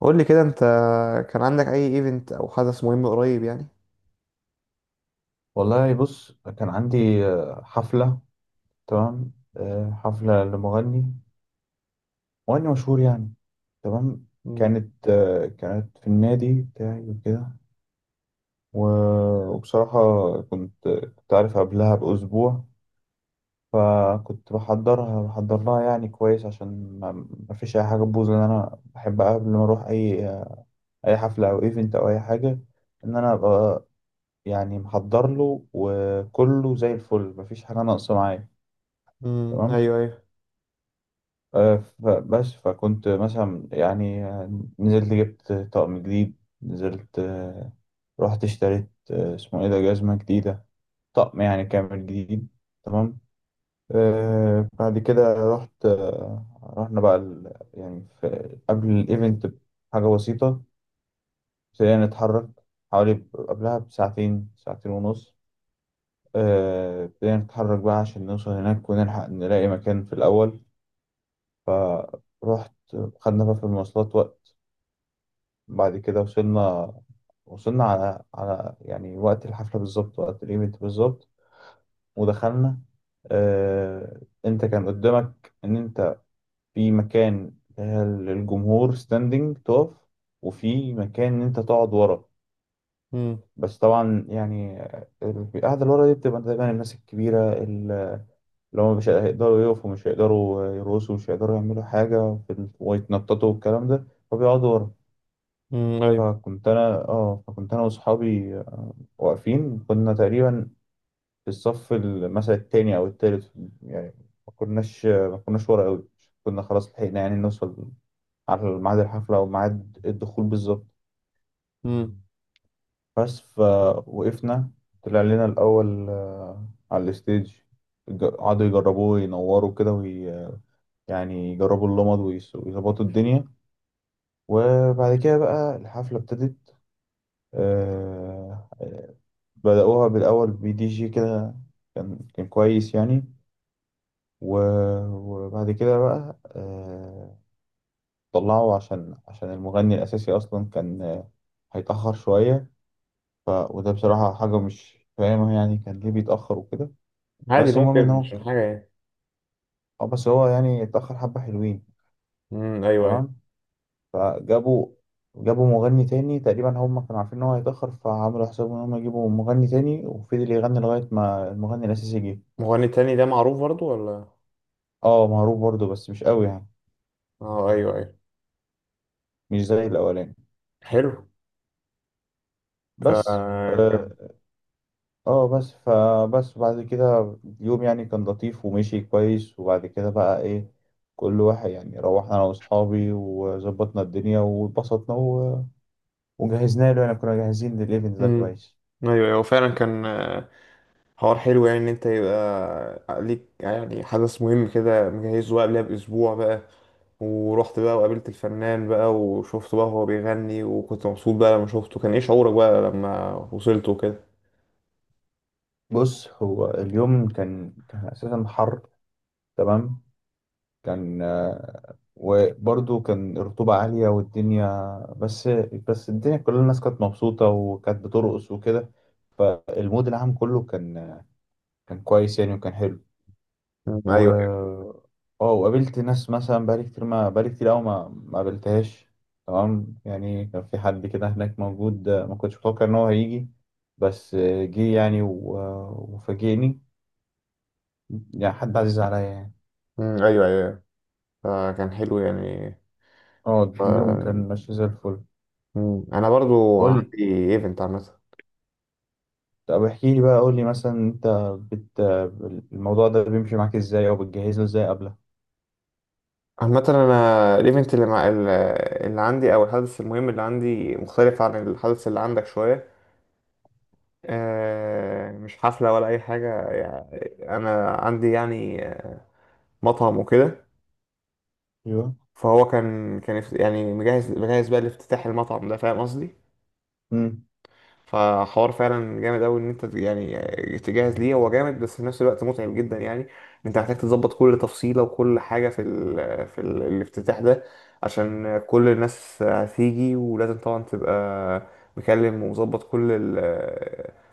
قول لي كده انت كان عندك اي ايفنت او حدث مهم قريب يعني. والله بص، كان عندي حفلة. تمام، حفلة لمغني، مشهور يعني. تمام. مم. كانت في النادي بتاعي وكده. وبصراحة، كنت عارف قبلها بأسبوع، فكنت بحضر لها يعني كويس، عشان ما فيش أي حاجة تبوظ، لأن أنا بحب قبل ما أروح أي حفلة أو إيفنت أو أي حاجة، إن أنا أبقى يعني محضر له، وكله زي الفل، مفيش حاجة ناقصة معايا. مم. تمام. ايوه ايوه. فكنت مثلا يعني نزلت، جبت طقم جديد. نزلت آه، رحت اشتريت، اسمه ايه ده، جزمة جديدة، طقم يعني كامل جديد. تمام. بعد كده رحت آه، رحنا بقى، يعني في قبل الايفنت بحاجة بسيطة، ابتدينا نتحرك حوالي قبلها ساعتين ونص. ابتدينا نتحرك بقى عشان نوصل هناك ونلحق نلاقي مكان في الأول. فرحت، خدنا بقى في المواصلات وقت، بعد كده وصلنا. وصلنا على يعني وقت الحفلة بالظبط، وقت الايفنت بالظبط، ودخلنا. انت كان قدامك ان انت في مكان للجمهور ستاندنج تقف، وفي مكان ان انت تقعد ورا. مم. بس طبعا يعني، القعدة اللي ورا دي بتبقى دايما الناس الكبيرة اللي هم مش هيقدروا يقفوا، مش هيقدروا يرقصوا، مش هيقدروا يعملوا حاجة في ويتنططوا والكلام ده، فبيقعدوا ورا. مم. ايوه. فكنت انا واصحابي واقفين، كنا تقريبا في الصف، مثلا التاني او التالت يعني، ما كناش ورا قوي، كنا خلاص لحقنا يعني نوصل على ميعاد الحفلة او ميعاد الدخول بالظبط. مم. بس فوقفنا. طلع لنا الاول على الستيج، قعدوا يجربوه، ينوروا كده، يعني يجربوا اللمض، ويظبطوا الدنيا. وبعد كده بقى الحفلة ابتدت. آه... آه، بدأوها بالأول بدي جي كده. كان كويس يعني. و- وبعد كده بقى، طلعه عشان المغني الأساسي أصلا كان هيتأخر شوية. وده بصراحة حاجة مش فاهمها يعني، كان ليه بيتأخر وكده. عادي بس المهم ممكن إن هو مش ك- حاجه يعني. آه، بس هو يعني اتأخر حبة حلوين. مم. ايوه ايوه. تمام. فجابوا جابوا مغني تاني. تقريبا هم كانوا عارفين إن هو هيتأخر، فعملوا حسابهم إن هم يجيبوا مغني تاني وفضل يغني لغاية ما المغني الأساسي جه. مغني تاني ده معروف برضو ولا؟ اه، معروف برضه بس مش قوي يعني، اه ايوه ايوه. مش زي الأولاني. حلو. ف بس كان. آه، اه بس فبس بعد كده اليوم يعني كان لطيف ومشي كويس، وبعد كده بقى ايه، كل واحد يعني روحنا انا واصحابي وظبطنا الدنيا واتبسطنا، وجهزنا له يعني، كنا جاهزين للايفنت ده مم. كويس. ايوه ايوه فعلا كان حوار حلو يعني ان انت يبقى ليك يعني حدث مهم كده مجهزه بقى قبلها باسبوع بقى، ورحت بقى وقابلت الفنان بقى وشفته بقى وهو بيغني وكنت مبسوط بقى لما شفته. كان ايه شعورك بقى لما وصلت وكده؟ بص، هو اليوم كان اساسا حر. تمام. كان آه، وبرضه كان الرطوبة عالية والدنيا، بس، الدنيا كل الناس كانت مبسوطة وكانت بترقص وكده، فالمود العام كله كان كويس يعني، وكان حلو. مم. ايوه أيوه. و اه وقابلت ناس مثلا، بقالي كتير ما بقالي كتير قوي، ما قابلتهاش. تمام يعني، كان في حد كده هناك موجود، ما كنتش متوقع ان هو هيجي، بس جه يعني، وفاجئني يعني، حد عزيز عليا يعني. مم، ايوه ايوه. فكان حلو يعني. اه، اليوم ف... كان ماشي زي الفل. مم. انا برضو قول. عندي ايفنت عامه. طب احكي لي بقى، قول لي مثلا، انت بت الموضوع ده بيمشي معاك ازاي او بتجهز له ازاي قبله؟ عامه انا الايفنت اللي مع اللي عندي او الحدث المهم اللي عندي مختلف عن الحدث اللي عندك شويه. مش حفله ولا اي حاجه يعني. انا عندي يعني مطعم وكده. ايوه. فهو كان يعني مجهز بقى لافتتاح المطعم ده، فاهم قصدي؟ امم. فحوار فعلا جامد قوي ان انت يعني تجهز ليه. هو جامد بس في نفس الوقت متعب جدا يعني. انت محتاج تظبط كل تفصيله وكل حاجه في ال الافتتاح ده، عشان كل الناس هتيجي. ولازم طبعا تبقى مكلم ومظبط كل ال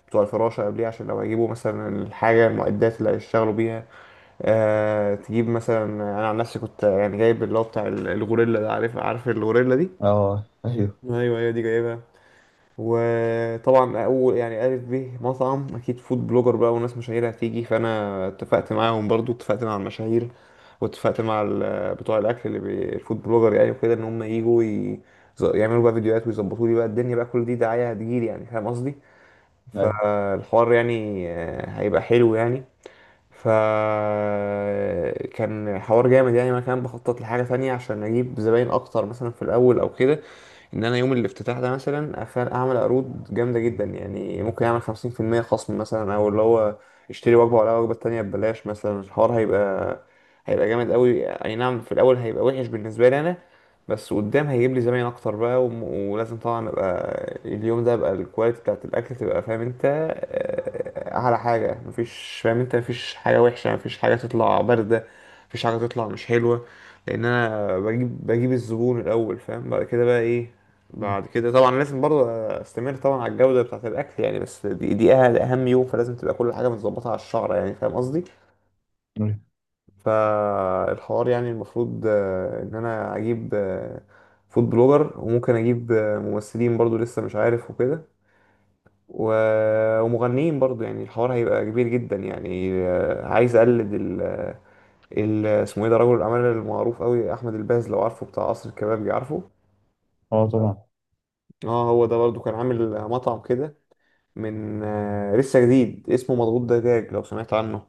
بتوع الفراشه قبليه، عشان لو هيجيبوا مثلا الحاجه المعدات اللي هيشتغلوا بيها. آه، تجيب مثلا. انا عن نفسي كنت يعني جايب اللي هو بتاع الغوريلا ده. عارف؟ عارف الغوريلا دي؟ اه ايوه ايوه ايوه دي جايبها. وطبعا اول يعني الف ب مطعم اكيد فود بلوجر بقى وناس مشاهير هتيجي، فانا اتفقت معاهم. برضو اتفقت مع المشاهير واتفقت مع بتوع الاكل اللي الفود بلوجر يعني وكده، ان هم يجوا يعملوا بقى فيديوهات ويظبطوا لي بقى الدنيا بقى. كل دي دعايه هتجيلي يعني، فاهم قصدي؟ ايوه. فالحوار يعني هيبقى حلو يعني. فكان حوار جامد يعني. ما كان بخطط لحاجة تانية عشان أجيب زباين أكتر مثلا في الأول أو كده، ان انا يوم الافتتاح ده مثلا اعمل عروض جامده جدا يعني. ممكن اعمل 50% خصم مثلا، او اللي هو اشتري وجبه ولا وجبه تانية ببلاش مثلا. الحوار هيبقى جامد قوي. اي نعم في الاول هيبقى وحش بالنسبه لي انا، بس قدام هيجيب لي زباين اكتر بقى. ولازم طبعا ابقى اليوم ده ابقى الكواليتي بتاعت الاكل تبقى فاهم انت اعلى حاجه. مفيش فاهم انت، مفيش حاجه وحشه، مفيش حاجه تطلع بارده، مفيش حاجه تطلع مش حلوه. لان انا بجيب الزبون الاول، فاهم؟ بعد كده بقى ايه، بعد كده طبعا لازم برضه استمر طبعا على الجودة بتاعة الأكل يعني. بس دي أهم يوم، فلازم تبقى كل حاجة متظبطة على الشعرة يعني، فاهم قصدي؟ أمم. فالحوار يعني المفروض إن أنا أجيب فود بلوجر، وممكن أجيب ممثلين برضه لسه مش عارف وكده. ومغنيين برضه يعني. الحوار هيبقى كبير جدا يعني. عايز أقلد ال اسمه ايه ده، رجل الأعمال المعروف قوي أحمد الباز، لو عارفه، بتاع قصر الكبابجي، عارفه؟ اه طبعا. اه هو ده برضه كان عامل مطعم كده من لسه جديد، اسمه مضغوط دجاج، لو سمعت عنه.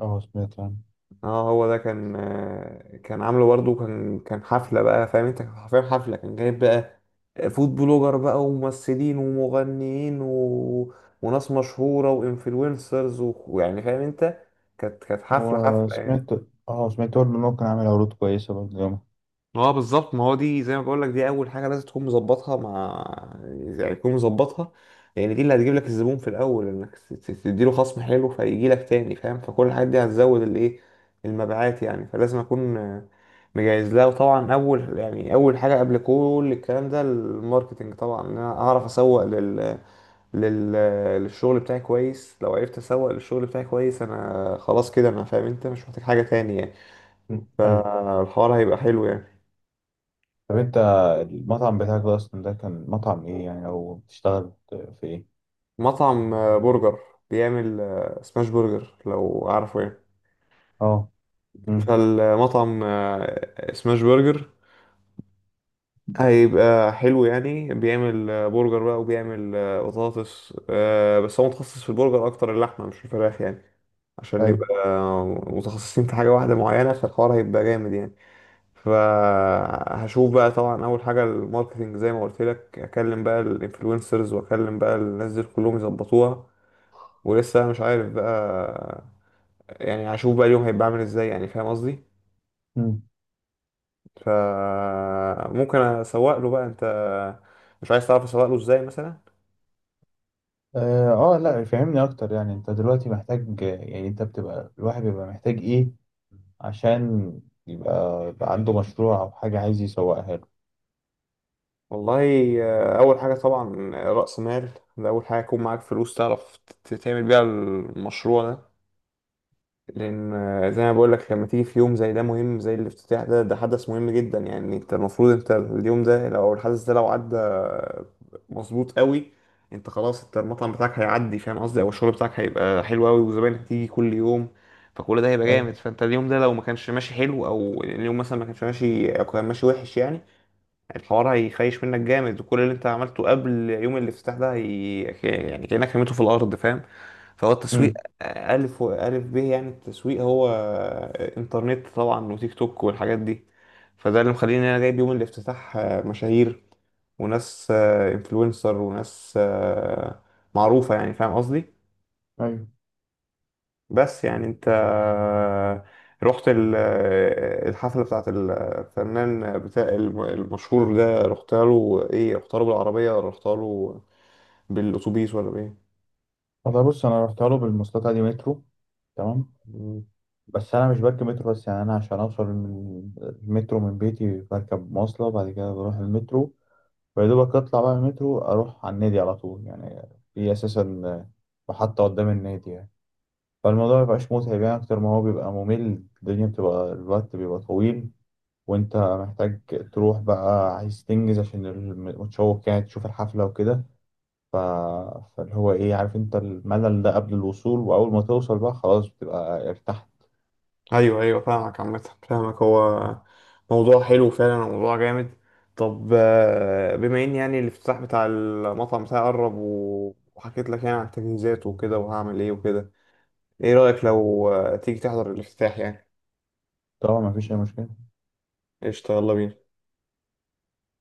اه سمعت عنه. اه هو ده كان كان عامله برضه. كان حفلة بقى، فاهم انت؟ كان حرفيا حفلة. كان جايب بقى فود بلوجر بقى وممثلين ومغنيين وناس مشهورة وانفلونسرز ويعني فاهم انت. كانت حفلة يعني. وسمعت اه سمعت برضه إن هو كان عامل عروض كويسة برضه يومها. اه بالظبط. ما هو دي زي ما بقول لك، دي اول حاجه لازم تكون مظبطها مع، يعني تكون مظبطها، لان دي اللي هتجيب لك الزبون في الاول. انك تديله خصم حلو فيجي لك تاني، فاهم؟ فكل الحاجات دي هتزود الايه، المبيعات يعني. فلازم اكون مجهز لها. وطبعا اول يعني اول حاجه قبل كل الكلام ده الماركتنج طبعا، ان انا اعرف اسوق لل... للشغل بتاعي كويس. لو عرفت اسوق للشغل بتاعي كويس انا خلاص كده انا فاهم انت، مش محتاج حاجه تاني يعني. مم. أيوة. فالحوار هيبقى حلو يعني. طب أنت، المطعم بتاعك ده أصلا ده كان مطعم إيه يعني، أو بتشتغل في إيه؟ مطعم برجر، بيعمل سماش برجر، لو عارفه يعني. اه. أمم. فالمطعم سماش برجر هيبقى حلو يعني. بيعمل برجر بقى وبيعمل بطاطس. بس هو متخصص في البرجر اكتر، اللحمة مش الفراخ يعني. عشان يبقى أيوه. متخصصين في حاجة واحدة معينة، فالحوار هيبقى جامد يعني. فهشوف بقى طبعا اول حاجة الماركتينج، زي ما قلت لك، اكلم بقى الانفلونسرز واكلم بقى الناس دي كلهم يظبطوها. ولسه مش عارف بقى يعني. هشوف بقى اليوم هيبقى عامل ازاي يعني، فاهم قصدي؟ أمم. ف ممكن اسوق له بقى. انت مش عايز تعرف اسوق له ازاي مثلا؟ اه، لا، فهمني أكتر يعني، أنت دلوقتي محتاج، يعني أنت الواحد بيبقى محتاج إيه عشان يبقى عنده مشروع أو حاجة عايز يسوقها له؟ والله اول حاجه طبعا راس مال. ده اول حاجه، يكون معاك فلوس تعرف تعمل بيها المشروع ده. لان زي ما بقول لك، لما تيجي في يوم زي ده مهم زي الافتتاح ده، ده حدث مهم جدا يعني. انت المفروض انت اليوم ده لو الحدث ده لو عدى مظبوط قوي، انت خلاص، انت المطعم بتاعك هيعدي، فاهم قصدي؟ او الشغل بتاعك هيبقى حلو قوي وزباينك هتيجي كل يوم، فكل ده هيبقى جامد. أيوة. فانت اليوم ده لو ما كانش ماشي حلو، او اليوم مثلا ما كانش ماشي او كان ماشي وحش يعني، الحوار هيخيش منك جامد، وكل اللي انت عملته قبل يوم الافتتاح ده يعني كأنك رميته في الارض، فاهم؟ فهو التسويق أمم. ألف ألف به يعني. التسويق هو إنترنت طبعا وتيك توك والحاجات دي. فده اللي مخليني أنا جايب يوم الافتتاح مشاهير، وناس انفلونسر، وناس معروفة يعني، فاهم قصدي؟ أيوة. بس يعني انت رحت الحفلة بتاعت الفنان بتاع المشهور ده، رحتها له ايه، رحتها له بالعربية ولا رحتها له بالأتوبيس ولا بايه؟ والله بص، انا رحت له بالمواصلات عادي، مترو. تمام. مم. بس انا مش بركب مترو بس، يعني انا عشان اوصل من من بيتي بركب مواصله، بعد كده بروح المترو، ويا دوبك اطلع بقى من المترو اروح على النادي على طول يعني، في اساسا محطه قدام النادي يعني. فالموضوع مبيبقاش متعب يعني، اكتر ما هو بيبقى ممل، الدنيا بتبقى، الوقت بيبقى طويل، وانت محتاج تروح بقى، عايز تنجز عشان متشوق يعني تشوف الحفله وكده. ف... فاللي هو ايه، عارف انت الملل ده قبل الوصول، واول ما توصل بقى خلاص بتبقى ارتحت. ايوه ايوه فاهمك. عامة فاهمك، هو موضوع حلو فعلا وموضوع جامد. طب بما ان يعني الافتتاح بتاع المطعم بتاعي قرب، وحكيت لك يعني عن التجهيزات وكده وهعمل ايه وكده، ايه رأيك لو تيجي تحضر الافتتاح يعني؟ طبعا مفيش اي مشكله. قشطة، يلا بينا.